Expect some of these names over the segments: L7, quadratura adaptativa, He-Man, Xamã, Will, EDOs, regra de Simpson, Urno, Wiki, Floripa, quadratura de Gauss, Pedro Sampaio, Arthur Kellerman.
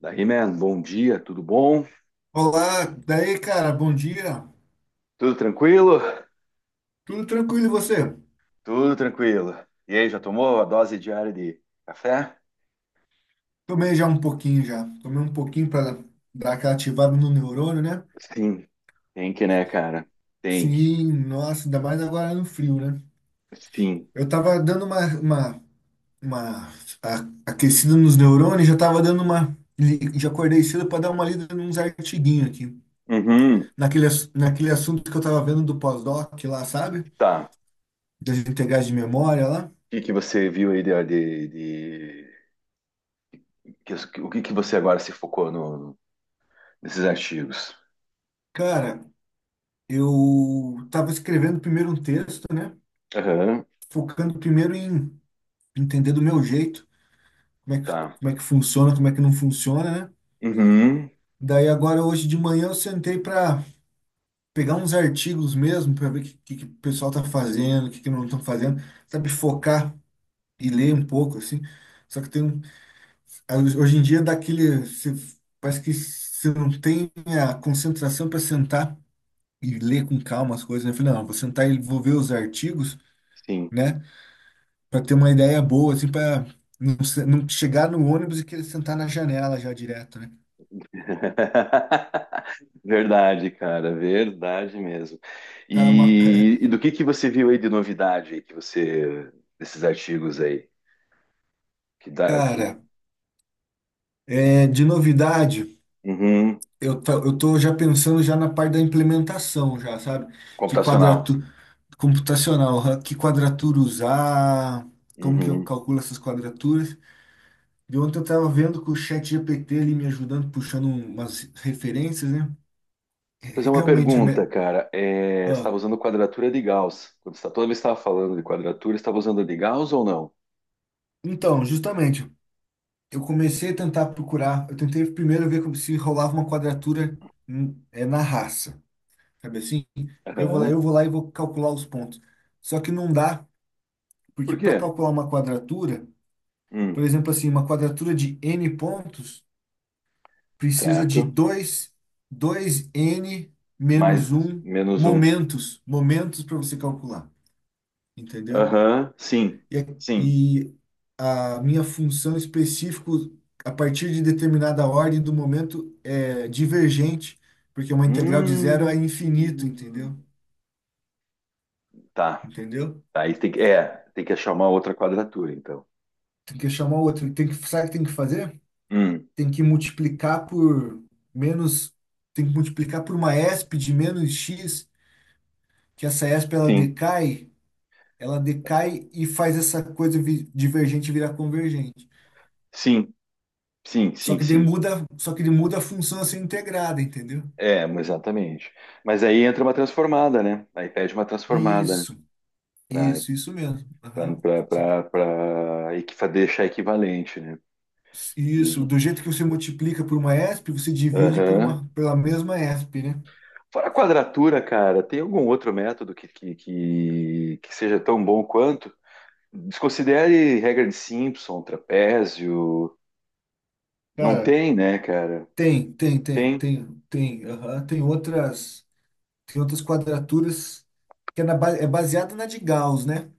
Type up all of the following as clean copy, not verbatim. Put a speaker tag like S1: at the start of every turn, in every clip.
S1: Da He-Man, bom dia, tudo bom?
S2: Olá, daí, cara, bom dia.
S1: Tudo tranquilo?
S2: Tudo tranquilo e você?
S1: Tudo tranquilo. E aí, já tomou a dose diária de café?
S2: Tomei já um pouquinho já. Tomei um pouquinho para dar aquela ativada no neurônio, né?
S1: Sim, tem que, né, cara? Tem que.
S2: Sim, nossa, ainda mais agora no frio, né?
S1: Sim.
S2: Eu tava dando uma, uma aquecida nos neurônios, já tava dando uma. Já acordei cedo para dar uma lida nos artiguinhos aqui.
S1: Uhum.
S2: Naquele assunto que eu tava vendo do pós-doc lá, sabe?
S1: Tá.
S2: Das integrais de memória lá.
S1: O que que você viu aí de- o que que você agora se focou no, nesses artigos?
S2: Cara, eu tava escrevendo primeiro um texto, né?
S1: Aham.
S2: Focando primeiro em entender do meu jeito, como é que,
S1: Tá.
S2: como é que funciona, como é que não funciona, né?
S1: Uhum.
S2: Daí agora hoje de manhã eu sentei para pegar uns artigos mesmo, para ver o que o pessoal tá fazendo, o que não estão fazendo, sabe, focar e ler um pouco, assim. Só que tem um, hoje em dia dá aquele, parece que você não tem a concentração para sentar e ler com calma as coisas, né? Eu falei, não, eu vou sentar e vou ver os artigos,
S1: Sim.
S2: né? Para ter uma ideia boa, assim, para não, não chegar no ônibus e querer sentar na janela já direto, né?
S1: Verdade, cara, verdade mesmo.
S2: Cara,
S1: E, e do que você viu aí de novidade aí que você desses artigos aí que dá que
S2: cara, é, de novidade,
S1: Uhum,
S2: eu tô já pensando já na parte da implementação já, sabe? Que
S1: computacional.
S2: quadratura computacional, hã? Que quadratura usar, como que eu
S1: Uhum. Deixa
S2: calculo essas quadraturas. De ontem eu tava vendo com o chat GPT ali me ajudando, puxando umas referências, né?
S1: eu fazer uma
S2: Realmente,
S1: pergunta, cara. É, você
S2: ah,
S1: estava usando quadratura de Gauss? Quando você, toda vez que estava falando de quadratura, você estava usando a de Gauss ou não?
S2: então, justamente. Eu comecei a tentar procurar. Eu tentei primeiro ver como se rolava uma quadratura, na raça, sabe assim?
S1: Aham.
S2: Eu vou lá e vou calcular os pontos. Só que não dá, porque
S1: Por
S2: para
S1: quê?
S2: calcular uma quadratura, por
S1: Hum,
S2: exemplo, assim, uma quadratura de n pontos precisa de
S1: certo.
S2: dois n
S1: Mais
S2: menos um
S1: menos um.
S2: momentos para você calcular, entendeu?
S1: Aham. Sim.
S2: e,
S1: Sim.
S2: e a minha função específica, a partir de determinada ordem do momento, é divergente, porque uma integral de zero é infinito,
S1: Hum.
S2: entendeu?
S1: Tá.
S2: Entendeu?
S1: Aí tem que achar uma outra quadratura, então.
S2: Tem que chamar outro. Tem que, sabe o que tem que fazer?
S1: Hum,
S2: Tem que multiplicar por menos. Tem que multiplicar por uma esp de menos x, que essa esp
S1: sim,
S2: ela decai e faz essa coisa divergente virar convergente.
S1: sim, sim,
S2: Só
S1: sim,
S2: que daí
S1: sim.
S2: muda, só que ele muda a função a ser integrada, entendeu?
S1: É, exatamente. Mas aí entra uma transformada, né? Aí pede uma transformada, né?
S2: Isso.
S1: Pra,
S2: Isso mesmo. Aham.
S1: pra, pra, pra, pra equi- deixar equivalente, né?
S2: Isso,
S1: E,
S2: do jeito que você multiplica por uma ESP, você divide por
S1: aham.
S2: uma, pela mesma ESP, né?
S1: Fora a quadratura, cara, tem algum outro método que seja tão bom quanto? Desconsidere regra de Simpson, trapézio. Não
S2: Cara,
S1: tem, né, cara?
S2: tem, tem, tem,
S1: Tem.
S2: tem, tem, aham, tem outras quadraturas que é baseada na de Gauss, né?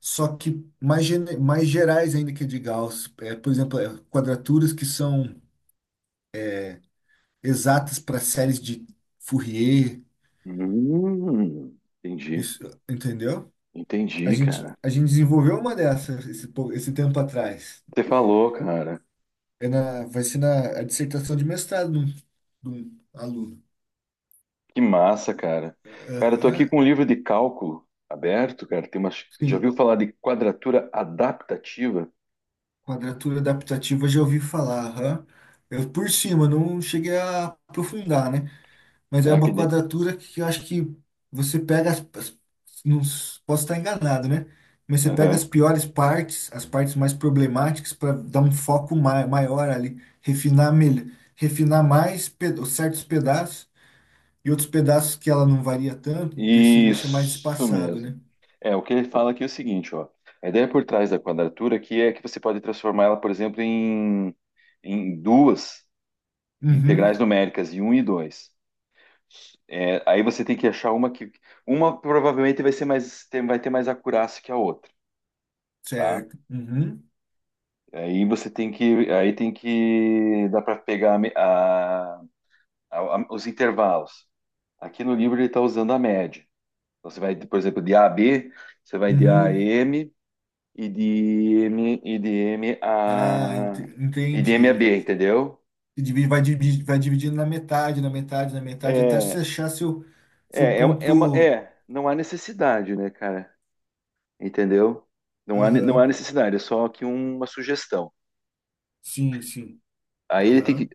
S2: Só que mais gerais ainda que a de Gauss. É, por exemplo, quadraturas que são exatas para séries de Fourier,
S1: Hum, entendi.
S2: isso, entendeu? A
S1: Entendi,
S2: gente,
S1: cara.
S2: a gente desenvolveu uma dessas esse tempo atrás.
S1: Você falou, cara.
S2: Vai ser na a dissertação de mestrado de um aluno.
S1: Que massa, cara. Cara, eu tô
S2: Aham.
S1: aqui com um livro de cálculo aberto, cara. Tem umas... Já ouviu
S2: Sim,
S1: falar de quadratura adaptativa?
S2: quadratura adaptativa já ouvi falar. Aham. Eu por cima, não cheguei a aprofundar, né? Mas é
S1: Será que...
S2: uma quadratura que eu acho que você pega as não s- posso estar enganado, né? Mas você pega as
S1: Aham.
S2: piores partes, as partes mais problemáticas para dar um foco ma maior ali, refinar melhor, refinar certos pedaços e outros pedaços que ela não varia tanto, deixa, deixa mais
S1: Isso
S2: espaçado,
S1: mesmo.
S2: né?
S1: É, o que ele fala aqui é o seguinte, ó. A ideia por trás da quadratura aqui é que você pode transformar ela, por exemplo, em duas
S2: Uhum,
S1: integrais numéricas, em um e 2. É, aí você tem que achar uma que... Uma provavelmente vai ser mais... vai ter mais acurácia que a outra, tá?
S2: certo. Uhum,
S1: Aí você tem que, dá para pegar a me- a- os intervalos. Aqui no livro ele está usando a média. Então você vai, por exemplo, de A a B, você vai de A a
S2: uhum.
S1: M e de M e de M
S2: Ah,
S1: a e de M a
S2: entendi.
S1: B, entendeu?
S2: E vai dividindo na metade, na metade, na metade, até você
S1: É,
S2: achar seu ponto.
S1: não há necessidade, né, cara? Entendeu? Não há
S2: Aham,
S1: necessidade, é só aqui uma sugestão.
S2: sim, sim.
S1: Aí ele tem
S2: Aham,
S1: que,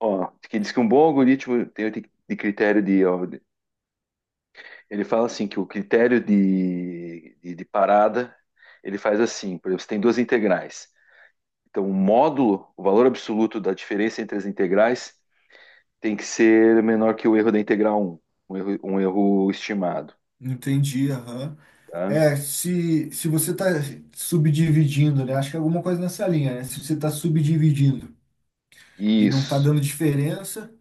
S1: ó, que diz que um bom algoritmo tem de critério de, ó, ele fala assim que o critério de parada, ele faz assim, por exemplo, você tem duas integrais. Então, o módulo, o valor absoluto da diferença entre as integrais tem que ser menor que o erro da integral um um erro estimado,
S2: entendi, aham.
S1: tá?
S2: É, se você está subdividindo, né? Acho que é alguma coisa nessa linha, né? Se você está subdividindo e não está
S1: Isso,
S2: dando diferença,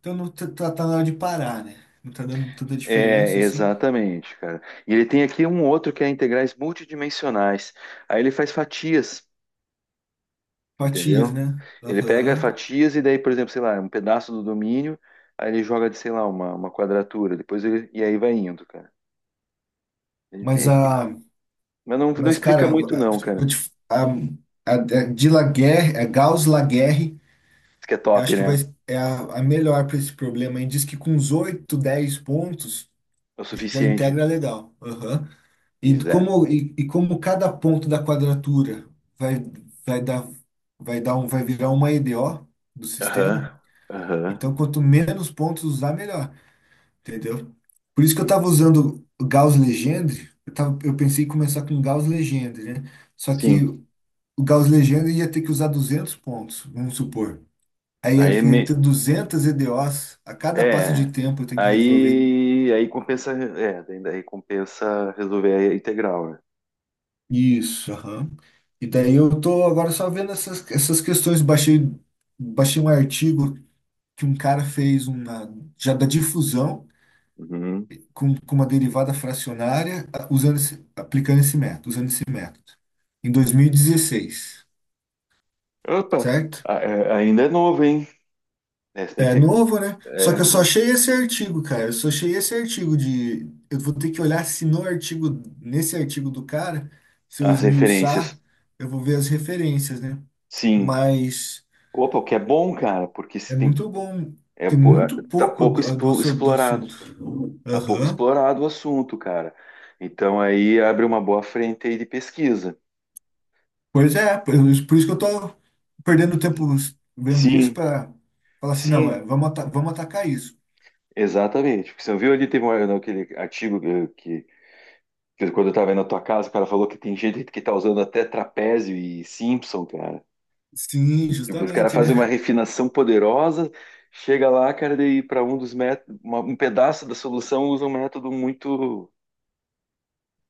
S2: então não tá, tá na hora de parar, né? Não está dando tanta
S1: é
S2: diferença assim.
S1: exatamente, cara. E ele tem aqui um outro que é integrais multidimensionais. Aí ele faz fatias.
S2: Fatias,
S1: Entendeu?
S2: né?
S1: Ele pega
S2: Aham.
S1: fatias e daí, por exemplo, sei lá, um pedaço do domínio, aí ele joga de, sei lá, uma quadratura, e aí vai indo, cara. Ele tem
S2: Mas
S1: aqui.
S2: a.
S1: Mas não, não
S2: Mas,
S1: explica
S2: cara, vou
S1: muito não, cara.
S2: a de Laguerre, a Gauss Laguerre,
S1: Isso que é
S2: eu
S1: top,
S2: acho que
S1: né?
S2: vai, é a melhor para esse problema. E diz que com uns 8 10 pontos
S1: É o
S2: já
S1: suficiente.
S2: integra legal. Aham. E
S1: Pois é.
S2: como, e como cada ponto da quadratura vai, vai dar, vai virar uma EDO do sistema,
S1: Aham. Aham.
S2: então quanto menos pontos usar, melhor. Entendeu? Por isso que eu estava usando o Gauss Legendre, eu, tava, eu pensei em começar com Gauss Legendre, né? Só que
S1: Sim.
S2: o Gauss Legenda ia ter que usar 200 pontos, vamos supor.
S1: Aí é,
S2: Iam ter
S1: me-
S2: 200 EDOs a cada passo
S1: é.
S2: de tempo eu tenho que resolver.
S1: Aí compensa, daí compensa resolver a integral, né?
S2: Isso, aham. E daí eu tô agora só vendo essas, essas questões. Baixei, baixei um artigo que um cara fez uma, já da difusão
S1: Uhum.
S2: com uma derivada fracionária usando esse, aplicando esse método, usando esse método. Em 2016,
S1: Opa,
S2: certo?
S1: ainda é novo, hein? É, você tem
S2: É
S1: que,
S2: novo, né? Só
S1: é,
S2: que eu só achei esse artigo, cara. Eu só achei esse artigo de. Eu vou ter que olhar se no artigo, nesse artigo do cara, se eu
S1: as
S2: esmiuçar,
S1: referências.
S2: eu vou ver as referências, né?
S1: Sim.
S2: Mas
S1: Opa, o que é bom, cara, porque se
S2: é
S1: tem,
S2: muito bom. Tem
S1: pô,
S2: muito
S1: tá
S2: pouco
S1: pouco
S2: do,
S1: expo-
S2: sobre do assunto.
S1: explorado, tá pouco
S2: Aham.
S1: explorado o assunto, cara. Então aí abre uma boa frente aí de pesquisa.
S2: Pois é, por isso que eu tô perdendo tempo vendo isso
S1: Sim,
S2: para falar assim, não, é,
S1: sim,
S2: vamos, vamos atacar isso.
S1: exatamente. Porque você viu ali, aquele artigo que quando eu estava aí na tua casa, o cara falou que tem gente que tá usando até trapézio e Simpson, cara.
S2: Sim,
S1: Tipo, os caras
S2: justamente,
S1: fazem uma
S2: né?
S1: refinação poderosa, chega lá, cara, daí para um dos métodos, um pedaço da solução usa um método muito,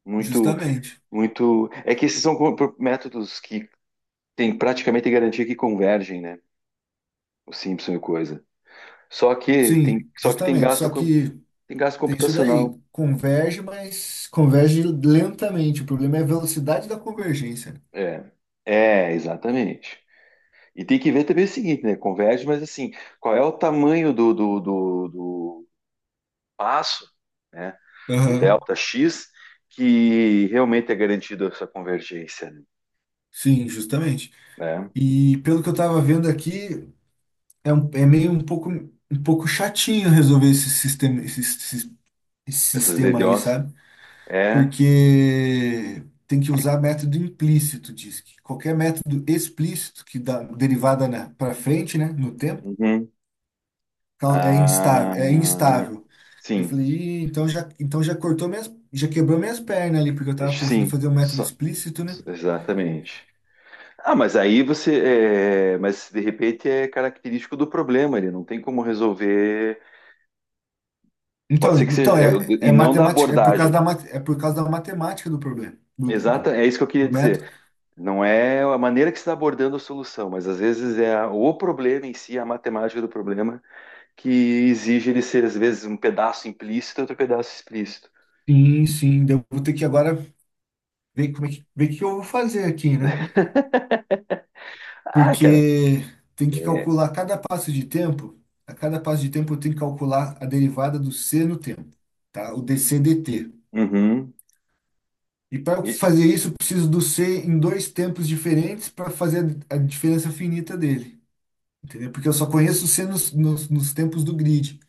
S1: muito
S2: Justamente.
S1: muito. É que esses são métodos que tem praticamente garantia que convergem, né? O Simpson e coisa.
S2: Sim,
S1: Só que tem
S2: justamente.
S1: gasto,
S2: Só
S1: co-
S2: que.
S1: tem gasto
S2: Tem isso
S1: computacional.
S2: daí. Converge, mas converge lentamente. O problema é a velocidade da convergência. Né?
S1: É, é, exatamente. E tem que ver também o seguinte, né? Converge, mas assim, qual é o tamanho do passo, né? Do
S2: Aham.
S1: delta X, que realmente é garantido essa convergência,
S2: Sim, justamente.
S1: né?
S2: E pelo que eu estava vendo aqui, meio um pouco chatinho resolver esse sistema, esse, sis- esse
S1: Essas
S2: sistema aí,
S1: DDoS.
S2: sabe?
S1: É.
S2: Porque tem que usar método implícito, diz que. Qualquer método explícito que dá derivada para frente, né, no tempo,
S1: Uhum.
S2: É instável,
S1: Ah,
S2: é instável. Eu
S1: sim.
S2: falei, "Ih, então já cortou minhas, já quebrou minhas pernas ali, porque eu tava pensando em
S1: Sim,
S2: fazer um método explícito, né?
S1: exatamente. Ah, mas aí mas de repente é característico do problema, ele não tem como resolver.
S2: Então,
S1: Pode ser que
S2: então
S1: seja, é, e não da
S2: matemática, é por causa
S1: abordagem.
S2: da, é por causa da matemática do problema, do, do,
S1: Exata, é isso que eu queria
S2: do método.
S1: dizer. Não é a maneira que você está abordando a solução, mas às vezes é o problema em si, a matemática do problema, que exige ele ser, às vezes, um pedaço implícito e outro pedaço explícito.
S2: Sim, sim, daí eu vou ter que agora ver como é que, ver o que eu vou fazer aqui, né?
S1: Ah, cara,
S2: Porque tem que
S1: é.
S2: calcular cada passo de tempo, a cada passo de tempo eu tenho que calcular a derivada do c no tempo, tá? O dc/dt.
S1: Uhum.
S2: E para
S1: E-
S2: fazer isso, eu preciso do C em dois tempos diferentes para fazer a diferença finita dele, entendeu? Porque eu só conheço o C nos tempos do grid,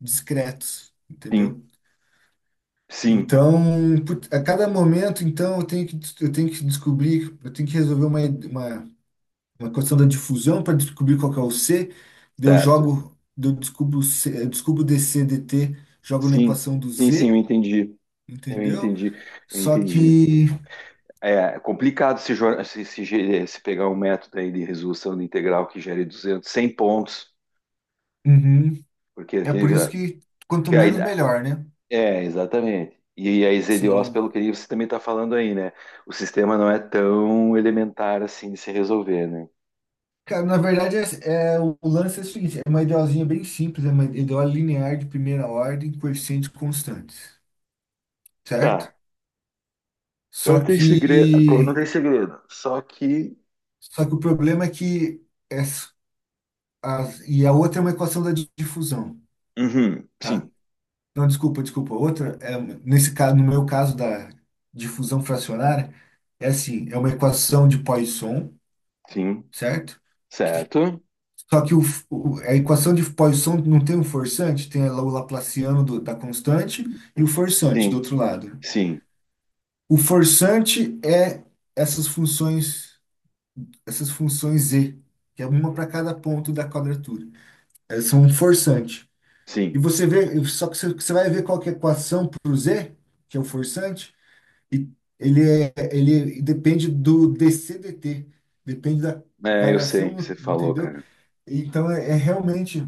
S2: discretos,
S1: sim,
S2: entendeu?
S1: sim,
S2: Então, a cada momento, então, eu tenho que descobrir, eu tenho que resolver uma questão da difusão para descobrir qual que é o C, daí eu
S1: certo.
S2: jogo, daí eu descubro, o C, eu descubro DC, DT, jogo na
S1: Sim,
S2: equação do
S1: sim, sim, eu
S2: Z,
S1: entendi. Eu
S2: entendeu?
S1: entendi, eu
S2: Só
S1: entendi.
S2: que.
S1: É complicado se, jo- se ge- se pegar um método aí de resolução de integral que gere 200 100 pontos,
S2: Uhum.
S1: porque
S2: É por
S1: aquele,
S2: isso que quanto
S1: que aí
S2: menos,
S1: dá-
S2: melhor, né?
S1: é, exatamente. E a EZDOs, pelo
S2: Sim.
S1: que você também está falando aí, né? O sistema não é tão elementar assim de se resolver, né?
S2: Cara, na verdade, o lance é o seguinte, é uma idealzinha bem simples, é uma ideal linear de primeira ordem, coeficientes constantes, certo?
S1: Tá. Então não
S2: Só
S1: tem segredo, então não
S2: que,
S1: tem segredo. Só que,
S2: só que o problema é que e a outra é uma equação da difusão,
S1: uhum,
S2: tá?
S1: sim,
S2: Não, desculpa, desculpa. Outra é nesse caso, no meu caso da difusão fracionária, é assim, é uma equação de Poisson,
S1: sim,
S2: certo?
S1: certo?
S2: Só que a equação de Poisson não tem um forçante, tem lá o Laplaciano da constante e o forçante do
S1: Sim,
S2: outro lado.
S1: sim,
S2: O forçante é essas funções, essas funções z, que é uma para cada ponto da quadratura. Elas são um forçante.
S1: sim.
S2: E você vê, só que você, você vai ver qual que é a equação para o z, que é o forçante, e ele, é, ele depende do dc/dt, depende da
S1: É, eu sei, você
S2: variação,
S1: falou,
S2: entendeu?
S1: cara.
S2: Então é realmente.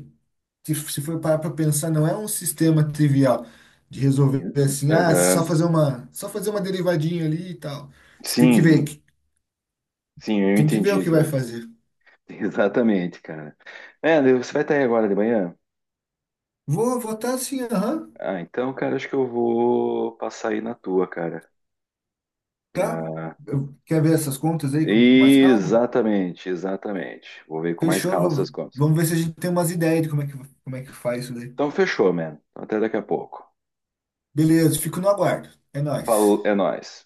S2: Se for parar para pensar, não é um sistema trivial de resolver assim, ah,
S1: Aham,
S2: só fazer uma derivadinha ali e tal. Você tem que ver,
S1: sim, sim, eu
S2: tem que ver o
S1: entendi,
S2: que vai
S1: cara.
S2: fazer.
S1: Exatamente, cara. É, daí você vai estar aí agora de manhã?
S2: Vou votar sim, aham,
S1: Ah, então, cara, acho que eu vou passar aí na tua, cara.
S2: tá.
S1: pra-
S2: Quer ver essas contas aí com mais calma?
S1: Exatamente, exatamente. Vou ver com mais
S2: Fechou,
S1: calma essas
S2: vamos,
S1: coisas.
S2: vamos ver se a gente tem umas ideias de como é que faz isso daí.
S1: Então, fechou, man. Até daqui a pouco.
S2: Beleza, fico no aguardo. É
S1: Falou,
S2: nóis.
S1: é nóis.